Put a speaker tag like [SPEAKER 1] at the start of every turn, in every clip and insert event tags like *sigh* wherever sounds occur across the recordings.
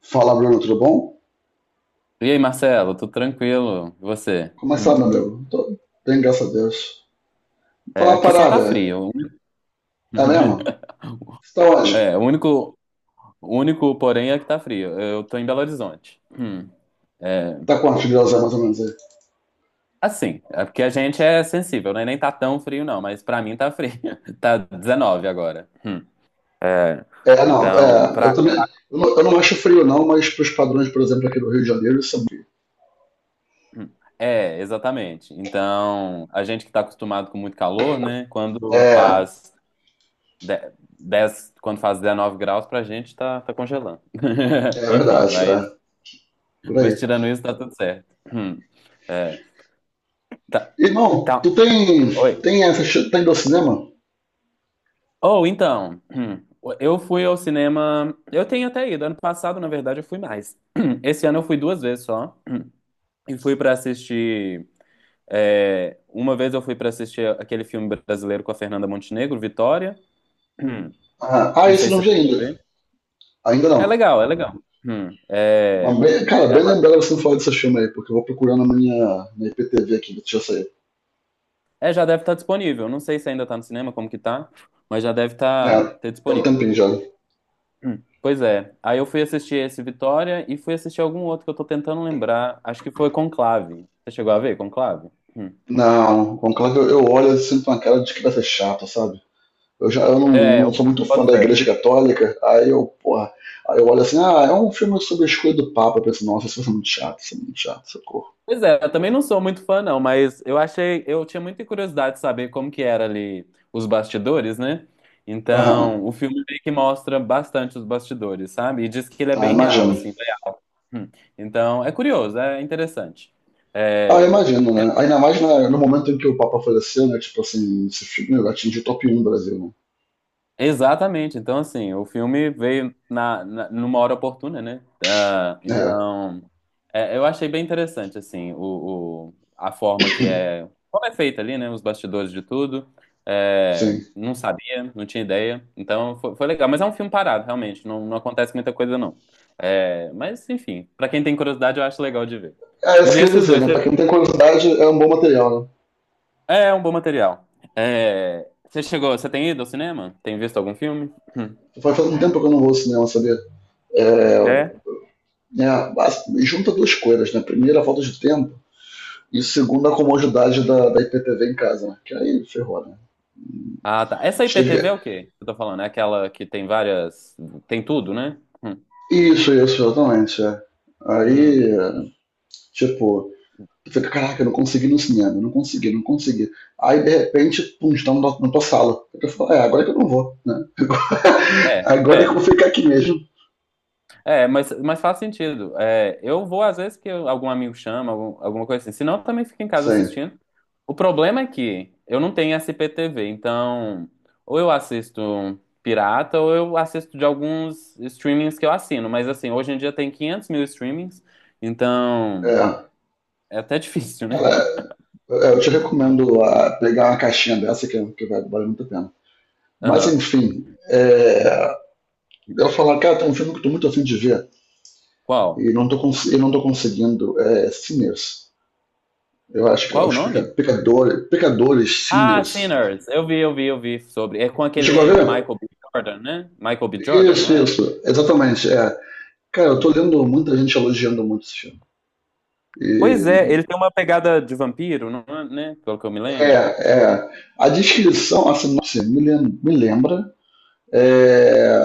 [SPEAKER 1] Fala, Bruno, tudo bom?
[SPEAKER 2] E aí, Marcelo, tudo tranquilo? E você?
[SPEAKER 1] Começar,
[SPEAKER 2] Hum.
[SPEAKER 1] meu amigo. Tô bem, graças a Deus. Fala
[SPEAKER 2] É,
[SPEAKER 1] uma
[SPEAKER 2] aqui só tá
[SPEAKER 1] parada,
[SPEAKER 2] frio.
[SPEAKER 1] é mesmo?
[SPEAKER 2] *laughs*
[SPEAKER 1] Você tá onde?
[SPEAKER 2] É, o único, o único porém é que tá frio. Eu tô em Belo Horizonte. Hum. É,
[SPEAKER 1] Tá quantos graus é mais ou menos aí?
[SPEAKER 2] é porque a gente é sensível, né? Nem tá tão frio, não, mas pra mim tá frio. *laughs* Tá 19 agora. Hum. É,
[SPEAKER 1] É, não,
[SPEAKER 2] então,
[SPEAKER 1] é,
[SPEAKER 2] pra,
[SPEAKER 1] eu também.
[SPEAKER 2] pra-
[SPEAKER 1] Eu não acho frio, não, mas pros padrões, por exemplo, aqui do Rio de Janeiro, isso é frio.
[SPEAKER 2] hum. É, exatamente. Então, a gente que tá acostumado com muito calor, né?
[SPEAKER 1] É,
[SPEAKER 2] De- 10, quando faz 19 graus, pra gente tá congelando.
[SPEAKER 1] é
[SPEAKER 2] *laughs* Enfim,
[SPEAKER 1] verdade,
[SPEAKER 2] mas,
[SPEAKER 1] é, por aí.
[SPEAKER 2] mas tirando isso, tá tudo certo. Hum. É, tá,
[SPEAKER 1] Irmão,
[SPEAKER 2] tá.
[SPEAKER 1] tu tem.
[SPEAKER 2] Oi.
[SPEAKER 1] Tem essa. Tá indo ao cinema?
[SPEAKER 2] Ou então, hum, eu fui ao cinema. Eu tenho até ido. Ano passado, na verdade, eu fui mais. *clears throat* Esse ano eu fui duas vezes só. E fui pra assistir. É, uma vez eu fui pra assistir aquele filme brasileiro com a Fernanda Montenegro, Vitória.
[SPEAKER 1] Ah,
[SPEAKER 2] *clears throat*
[SPEAKER 1] ah,
[SPEAKER 2] Não
[SPEAKER 1] esse
[SPEAKER 2] sei
[SPEAKER 1] eu
[SPEAKER 2] se
[SPEAKER 1] não
[SPEAKER 2] você
[SPEAKER 1] vi
[SPEAKER 2] chegou
[SPEAKER 1] ainda.
[SPEAKER 2] a ver.
[SPEAKER 1] Ainda
[SPEAKER 2] É
[SPEAKER 1] não.
[SPEAKER 2] legal, é legal. Hum, é,
[SPEAKER 1] Mas cara, bem lembrado você não falar desse filme aí, porque eu vou procurar na minha, na IPTV aqui, deixa eu sair.
[SPEAKER 2] É, já deve estar disponível. Não sei se ainda tá no cinema, como que tá, mas já deve estar
[SPEAKER 1] É,
[SPEAKER 2] ter
[SPEAKER 1] tem um
[SPEAKER 2] disponível.
[SPEAKER 1] tempinho já.
[SPEAKER 2] Hum. Pois é. Aí eu fui assistir esse Vitória e fui assistir algum outro que eu tô tentando lembrar. Acho que foi Conclave. Você chegou a ver Conclave? Hum.
[SPEAKER 1] Não, conclave eu olho e sinto uma cara de que vai ser chato, sabe? Eu já eu não,
[SPEAKER 2] É,
[SPEAKER 1] não sou
[SPEAKER 2] eu
[SPEAKER 1] muito fã
[SPEAKER 2] boto
[SPEAKER 1] da
[SPEAKER 2] fé.
[SPEAKER 1] Igreja Católica, aí eu, porra, aí eu olho assim, ah, é um filme sobre a escolha do Papa, eu penso, nossa, isso vai ser muito chato, isso é muito chato, socorro.
[SPEAKER 2] Pois é, eu também não sou muito fã, não, mas eu achei, eu tinha muita curiosidade de saber como que era ali os bastidores, né?
[SPEAKER 1] Aham,
[SPEAKER 2] Então, o filme meio que mostra bastante os bastidores, sabe? E diz que ele é
[SPEAKER 1] ah,
[SPEAKER 2] bem real,
[SPEAKER 1] imagino.
[SPEAKER 2] assim. Né? Hum. Então, é curioso, é interessante.
[SPEAKER 1] Ah,
[SPEAKER 2] É,
[SPEAKER 1] imagino, né? Ainda mais no momento em que o Papa faleceu, né? Tipo assim, esse filme atingiu o top um do Brasil,
[SPEAKER 2] exatamente. Então, assim, o filme veio numa hora oportuna, né? Ah,
[SPEAKER 1] né? É,
[SPEAKER 2] então, é, eu achei bem interessante, assim, a forma que é... Como é feita ali, né? Os bastidores de tudo. É,
[SPEAKER 1] sim.
[SPEAKER 2] não sabia, não tinha ideia. Foi legal. Mas é um filme parado, realmente. Não acontece muita coisa, não. É, mas, enfim, pra quem tem curiosidade, eu acho legal de ver.
[SPEAKER 1] É,
[SPEAKER 2] E
[SPEAKER 1] isso
[SPEAKER 2] ver
[SPEAKER 1] que eu ia
[SPEAKER 2] esses
[SPEAKER 1] dizer,
[SPEAKER 2] dois.
[SPEAKER 1] né? Pra quem tem curiosidade, é um bom material, né?
[SPEAKER 2] É um bom material. É, você chegou... Você tem ido ao cinema? Tem visto algum filme? *clears throat*
[SPEAKER 1] Faz um tempo que eu não vou ao cinema, sabia? É,
[SPEAKER 2] É.
[SPEAKER 1] é, junta duas coisas, né? Primeiro, a falta de tempo, e segundo, a comodidade da IPTV em casa, né? Que aí ferrou, né?
[SPEAKER 2] Ah, tá. Essa IPTV
[SPEAKER 1] Chega-
[SPEAKER 2] é o quê? Eu tô falando, é aquela que tem várias. Tem tudo, né?
[SPEAKER 1] Isso, isso, exatamente. É.
[SPEAKER 2] Hum.
[SPEAKER 1] Aí, é, tipo, tu fica, caraca, eu não consegui ir no cinema, eu não consegui. Aí, de repente, pum, está na tua sala. Aí tu é, agora que eu não vou, né? *laughs*
[SPEAKER 2] É,
[SPEAKER 1] Agora é que eu
[SPEAKER 2] é.
[SPEAKER 1] vou ficar aqui mesmo.
[SPEAKER 2] É, mas faz sentido. É, eu vou às vezes algum amigo chama, alguma coisa assim. Se não, eu também fico em casa
[SPEAKER 1] Sim,
[SPEAKER 2] assistindo. O problema é que eu não tenho essa IPTV, então ou eu assisto um pirata ou eu assisto de alguns streamings que eu assino. Mas assim, hoje em dia tem 500 mil streamings, então
[SPEAKER 1] é.
[SPEAKER 2] é até difícil, né?
[SPEAKER 1] Cara, eu te
[SPEAKER 2] *laughs*
[SPEAKER 1] recomendo pegar uma caixinha dessa que vai valer muito a pena. Mas,
[SPEAKER 2] Aham.
[SPEAKER 1] enfim, é, ela fala, cara, tem um filme que eu tô muito afim de ver
[SPEAKER 2] Qual?
[SPEAKER 1] e não tô, conseguindo. É Sinners. Eu acho que é
[SPEAKER 2] Qual o
[SPEAKER 1] os peca-
[SPEAKER 2] nome?
[SPEAKER 1] pecadores, pecadores,
[SPEAKER 2] Ah,
[SPEAKER 1] Sinners.
[SPEAKER 2] Sinners. Eu vi sobre. É com
[SPEAKER 1] Tu chegou a
[SPEAKER 2] aquele
[SPEAKER 1] ver?
[SPEAKER 2] Michael B. Jordan, né? Michael B. Jordan,
[SPEAKER 1] Isso,
[SPEAKER 2] não é?
[SPEAKER 1] isso.
[SPEAKER 2] Hum,
[SPEAKER 1] Exatamente, é. Cara, eu tô
[SPEAKER 2] hum.
[SPEAKER 1] lendo muita gente elogiando muito esse filme.
[SPEAKER 2] Pois é,
[SPEAKER 1] E,
[SPEAKER 2] ele tem uma pegada de vampiro, não é, né? Pelo que eu me
[SPEAKER 1] é,
[SPEAKER 2] lembro.
[SPEAKER 1] é. A
[SPEAKER 2] Hum,
[SPEAKER 1] descrição, a sinopse me lembra é,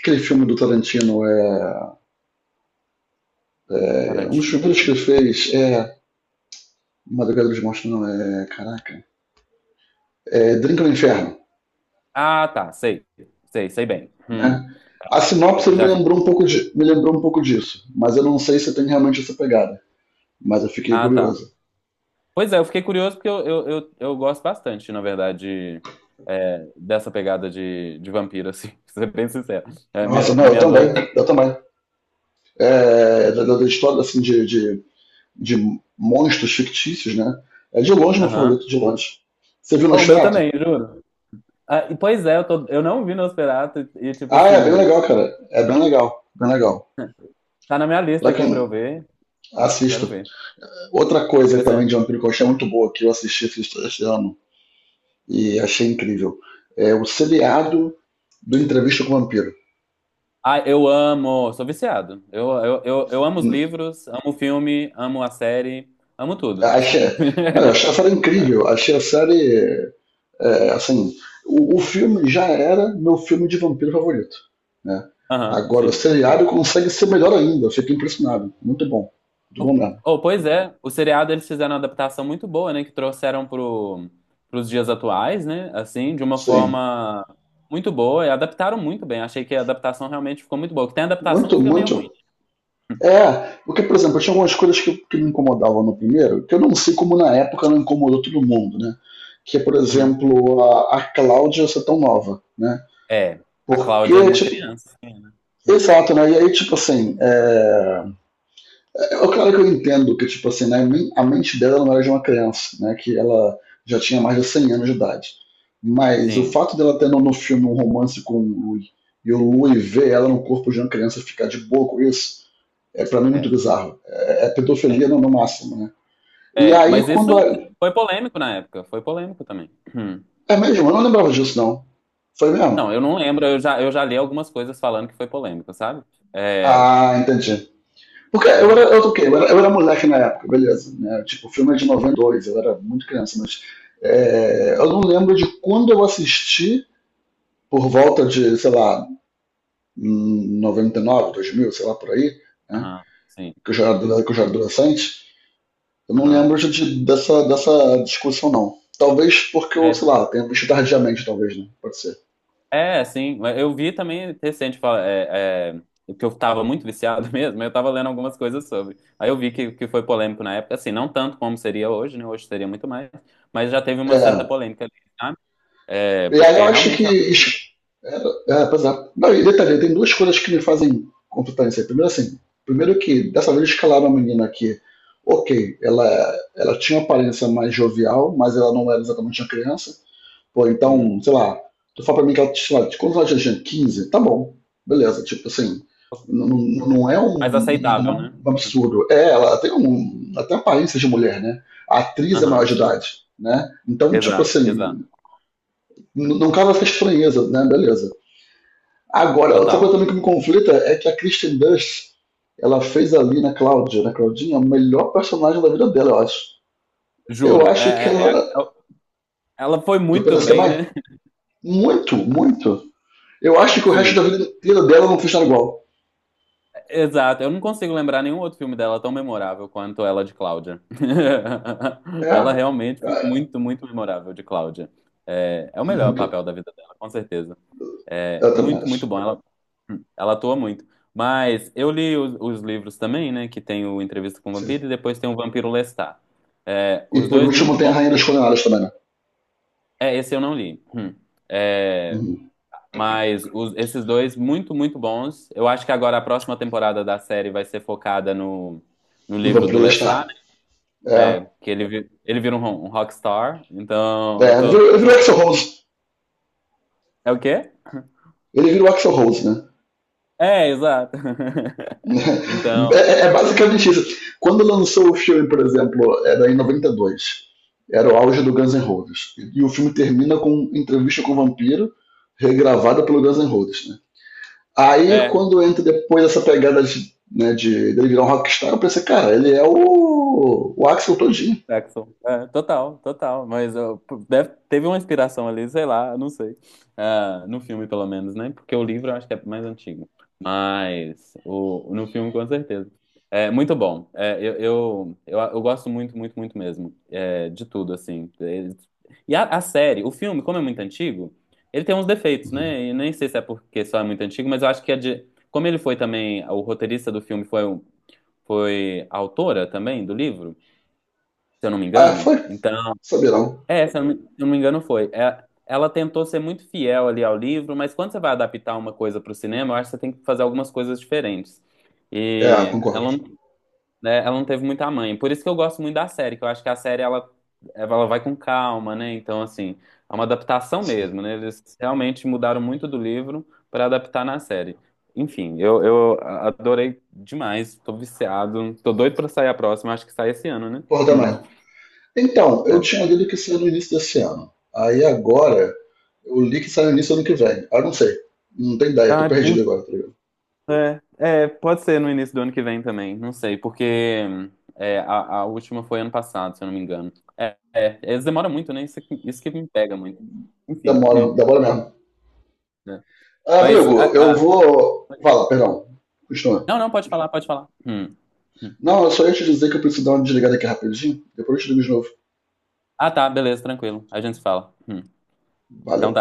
[SPEAKER 1] aquele filme do Tarantino. É, é um dos
[SPEAKER 2] Tarantino.
[SPEAKER 1] primeiros que ele fez é Madrugada dos Monstros, não, é... Caraca. É Drink no Inferno.
[SPEAKER 2] Ah, tá, sei. Sei bem.
[SPEAKER 1] Né? A sinopse
[SPEAKER 2] Eu
[SPEAKER 1] me
[SPEAKER 2] já vi.
[SPEAKER 1] lembrou um pouco de, me lembrou um pouco disso, mas eu não sei se tem realmente essa pegada. Mas eu fiquei
[SPEAKER 2] Ah, tá.
[SPEAKER 1] curioso.
[SPEAKER 2] Pois é, eu fiquei curioso porque eu gosto bastante, na verdade, é, dessa pegada de vampiro, assim, *laughs* pra ser bem sincero.
[SPEAKER 1] Nossa, não, eu
[SPEAKER 2] Minha
[SPEAKER 1] também, eu
[SPEAKER 2] adolescência.
[SPEAKER 1] também. É, da história assim de monstros fictícios, né? É de longe meu
[SPEAKER 2] Aham.
[SPEAKER 1] favorito, de longe. Você viu
[SPEAKER 2] Bom, o meu
[SPEAKER 1] Nosferatu?
[SPEAKER 2] também, juro. Ah, e, pois é, eu não vi Nosferatu tipo
[SPEAKER 1] Ah, é bem
[SPEAKER 2] assim,
[SPEAKER 1] legal, cara. É bem legal.
[SPEAKER 2] *laughs* tá na minha lista
[SPEAKER 1] Pra
[SPEAKER 2] aqui pra eu
[SPEAKER 1] quem
[SPEAKER 2] ver. Quero
[SPEAKER 1] assista.
[SPEAKER 2] ver.
[SPEAKER 1] Outra coisa
[SPEAKER 2] Pois é.
[SPEAKER 1] também de vampiro que eu achei muito boa, que eu assisti esse ano e achei incrível, é o seriado do Entrevista com o Vampiro.
[SPEAKER 2] Ah, eu amo, sou viciado. Eu amo os livros, amo o filme, amo a série, amo tudo.
[SPEAKER 1] Achei, eu achei a
[SPEAKER 2] *laughs*
[SPEAKER 1] série incrível. Achei a série. É, assim, o filme já era meu filme de vampiro favorito. Né?
[SPEAKER 2] Aham,
[SPEAKER 1] Agora o
[SPEAKER 2] sim. Hum.
[SPEAKER 1] seriado consegue ser melhor ainda. Eu fiquei impressionado. Muito bom. Muito bom
[SPEAKER 2] Oh,
[SPEAKER 1] mesmo.
[SPEAKER 2] oh, pois é, o seriado eles fizeram uma adaptação muito boa, né? Que trouxeram pros dias atuais, né? Assim, de uma
[SPEAKER 1] Sim.
[SPEAKER 2] forma muito boa. E adaptaram muito bem. Achei que a adaptação realmente ficou muito boa. Que tem adaptação que
[SPEAKER 1] Muito,
[SPEAKER 2] fica meio ruim.
[SPEAKER 1] muito. É, porque, por exemplo, tinha algumas coisas que me incomodavam no primeiro, que eu não sei como na época não incomodou todo mundo, né? Que é, por
[SPEAKER 2] Uhum.
[SPEAKER 1] exemplo, a Cláudia ser tão nova, né?
[SPEAKER 2] É, a Cláudia é
[SPEAKER 1] Porque,
[SPEAKER 2] uma
[SPEAKER 1] tipo,
[SPEAKER 2] criança, sim, né? Hum,
[SPEAKER 1] exato, né? E aí, tipo assim, é, é claro que eu entendo que, tipo assim, né, a mente dela não era de uma criança, né? Que ela já tinha mais de 100 anos de idade. Mas o
[SPEAKER 2] Sim,
[SPEAKER 1] fato dela ter no filme um romance com o Louis e o Louis ver ela no corpo de uma criança e ficar de boa com isso, é para mim muito
[SPEAKER 2] é,
[SPEAKER 1] bizarro. É, é pedofilia
[SPEAKER 2] é,
[SPEAKER 1] no máximo, né? E
[SPEAKER 2] é.
[SPEAKER 1] aí
[SPEAKER 2] Mas
[SPEAKER 1] quando.
[SPEAKER 2] isso
[SPEAKER 1] É,
[SPEAKER 2] foi polêmico na época, foi polêmico também. Hum.
[SPEAKER 1] é mesmo, eu não lembrava disso, não. Foi
[SPEAKER 2] Não,
[SPEAKER 1] mesmo?
[SPEAKER 2] eu não lembro, eu já li algumas coisas falando que foi polêmico, sabe? É,
[SPEAKER 1] Ah, entendi. Porque eu era,
[SPEAKER 2] entendeu?
[SPEAKER 1] eu, o quê? Eu era moleque na época, beleza. Né? Tipo, o filme é de 92, eu era muito criança, mas é, eu não lembro de quando eu assisti, por volta de, sei lá, 99, 2000, sei lá, por aí, né?
[SPEAKER 2] Aham, sim.
[SPEAKER 1] Que, eu já
[SPEAKER 2] Hum,
[SPEAKER 1] era, que eu já era adolescente. Eu não
[SPEAKER 2] Aham.
[SPEAKER 1] lembro dessa discussão, não. Talvez porque eu,
[SPEAKER 2] É,
[SPEAKER 1] sei lá, tenha visto tardiamente, talvez, né? Pode ser.
[SPEAKER 2] sim, mas eu vi também recente, é, que eu tava muito viciado *laughs* mesmo, eu tava lendo algumas coisas sobre. Aí eu vi que foi polêmico na época, assim, não tanto como seria hoje, né? Hoje seria muito mais, mas já teve uma certa
[SPEAKER 1] É,
[SPEAKER 2] polêmica ali. É,
[SPEAKER 1] E aí
[SPEAKER 2] porque
[SPEAKER 1] eu acho que.
[SPEAKER 2] realmente é
[SPEAKER 1] Es- é, é, pois é. Não, e detalhe, tem duas coisas que me fazem contra isso aí. Primeiro, assim, primeiro que dessa vez escalaram a menina que, ok, ela tinha uma aparência mais jovial, mas ela não era exatamente uma criança. Pô, então,
[SPEAKER 2] uhum,
[SPEAKER 1] sei lá, tu fala pra mim que ela, sei lá, quantos ela tinha? 15. Tá bom, beleza, tipo assim. Não, não
[SPEAKER 2] uhum.
[SPEAKER 1] não é um,
[SPEAKER 2] Mais aceitável, né?
[SPEAKER 1] um absurdo. É, ela tem um, até aparência de mulher, né? A atriz é maior
[SPEAKER 2] Aham,
[SPEAKER 1] de
[SPEAKER 2] sim.
[SPEAKER 1] idade, né? Então, tipo
[SPEAKER 2] Exato,
[SPEAKER 1] assim,
[SPEAKER 2] exato. Uhum.
[SPEAKER 1] não cabe essa
[SPEAKER 2] É,
[SPEAKER 1] estranheza, né? Beleza. Agora, outra coisa
[SPEAKER 2] total.
[SPEAKER 1] também que me conflita é que a Kristen Dunst ela fez ali na Cláudia, na Claudinha, a melhor personagem da vida dela, eu acho. Eu
[SPEAKER 2] Juro.
[SPEAKER 1] acho que
[SPEAKER 2] É,
[SPEAKER 1] ela.
[SPEAKER 2] é, ela foi
[SPEAKER 1] Tu
[SPEAKER 2] muito
[SPEAKER 1] pensa
[SPEAKER 2] bem,
[SPEAKER 1] também?
[SPEAKER 2] né?
[SPEAKER 1] Muito, muito. Eu acho
[SPEAKER 2] *laughs*
[SPEAKER 1] que o resto da
[SPEAKER 2] Sim.
[SPEAKER 1] vida inteira dela não fez nada igual.
[SPEAKER 2] Exato. Eu não consigo lembrar nenhum outro filme dela tão memorável quanto ela de Cláudia. *laughs*
[SPEAKER 1] É.
[SPEAKER 2] Ela realmente foi
[SPEAKER 1] É
[SPEAKER 2] muito, muito memorável de Cláudia. É, é o melhor
[SPEAKER 1] muito.
[SPEAKER 2] papel da vida dela, com certeza. É
[SPEAKER 1] Eu também
[SPEAKER 2] muito, muito
[SPEAKER 1] acho.
[SPEAKER 2] bom. Ela atua muito. Mas eu li os livros também, né? Que tem o Entrevista com o Vampiro
[SPEAKER 1] Sim.
[SPEAKER 2] e depois tem o Vampiro Lestat. É,
[SPEAKER 1] E
[SPEAKER 2] os
[SPEAKER 1] por
[SPEAKER 2] dois
[SPEAKER 1] último
[SPEAKER 2] muito
[SPEAKER 1] tem a
[SPEAKER 2] bons.
[SPEAKER 1] Rainha dos Condenados também, né?
[SPEAKER 2] É, esse eu não li. Hum. É,
[SPEAKER 1] Uhum.
[SPEAKER 2] mas esses dois muito, muito bons. Eu acho que agora a próxima temporada da série vai ser focada no
[SPEAKER 1] Não
[SPEAKER 2] livro
[SPEAKER 1] vamos
[SPEAKER 2] do
[SPEAKER 1] prelestar.
[SPEAKER 2] Lestat,
[SPEAKER 1] É.
[SPEAKER 2] né? Ele vira um rockstar. Então, eu
[SPEAKER 1] É.
[SPEAKER 2] tô,
[SPEAKER 1] Virou
[SPEAKER 2] tô...
[SPEAKER 1] Axel Rose.
[SPEAKER 2] É o quê?
[SPEAKER 1] Ele virou Axel Rose, né?
[SPEAKER 2] É, exato. *laughs* Então.
[SPEAKER 1] É basicamente isso. Quando lançou o filme, por exemplo, era em 92, era o auge do Guns N' Roses. E o filme termina com entrevista com o vampiro, regravada pelo Guns N' Roses. Né? Aí,
[SPEAKER 2] É
[SPEAKER 1] quando entra depois essa pegada de, né, de ele virar um rockstar, eu pensei, cara, ele é o Axel todinho.
[SPEAKER 2] Jackson. É, total, total. Mas ó, teve uma inspiração ali, sei lá, não sei. Ah, no filme, pelo menos, né? Porque o livro eu acho que é mais antigo. Mas o, no filme, com certeza. É muito bom. É, eu gosto muito, muito, muito mesmo. É, de tudo, assim. E a série, o filme, como é muito antigo, ele tem uns defeitos, né? E nem sei se é porque só é muito antigo, mas eu acho que é de. Como ele foi também, o roteirista do filme foi, foi a autora também do livro se eu não me
[SPEAKER 1] Ah,
[SPEAKER 2] engano.
[SPEAKER 1] foi.
[SPEAKER 2] Então,
[SPEAKER 1] Saberão.
[SPEAKER 2] é, se eu não me engano, foi. É, ela tentou ser muito fiel ali ao livro, mas quando você vai adaptar uma coisa para o cinema, eu acho que você tem que fazer algumas coisas diferentes.
[SPEAKER 1] É,
[SPEAKER 2] E
[SPEAKER 1] concordo.
[SPEAKER 2] ela, não- né, ela não teve muita mãe. Por isso que eu gosto muito da série, que eu acho que ela vai com calma, né? Então, assim, é uma adaptação
[SPEAKER 1] Sim.
[SPEAKER 2] mesmo, né? Eles realmente mudaram muito do livro para adaptar na série. Enfim, eu adorei demais, tô viciado, tô doido para sair a próxima, acho que sai esse ano, né?
[SPEAKER 1] Porra,
[SPEAKER 2] Hum,
[SPEAKER 1] também. Então, eu
[SPEAKER 2] é.
[SPEAKER 1] tinha lido que seria no início desse ano. Aí agora, eu li que sai no início do ano que vem. Ah, não sei. Não tenho ideia, tô
[SPEAKER 2] Ai,
[SPEAKER 1] perdido agora, tá ligado?
[SPEAKER 2] é, é, pode ser no início do ano que vem também, não sei, porque é, a última foi ano passado, se eu não me engano. É, é, eles demoram muito, né? Isso, isso que me pega muito. Enfim,
[SPEAKER 1] Demora, demora mesmo.
[SPEAKER 2] né.
[SPEAKER 1] Ah,
[SPEAKER 2] Mas,
[SPEAKER 1] amigo, eu vou. Fala, perdão. Continua.
[SPEAKER 2] não, pode falar, pode falar. Hum.
[SPEAKER 1] Não, eu só ia te dizer que eu preciso dar uma desligada aqui rapidinho. Depois eu te ligo de novo.
[SPEAKER 2] Ah, tá, beleza, tranquilo, a gente se fala. Então tá.
[SPEAKER 1] Valeu.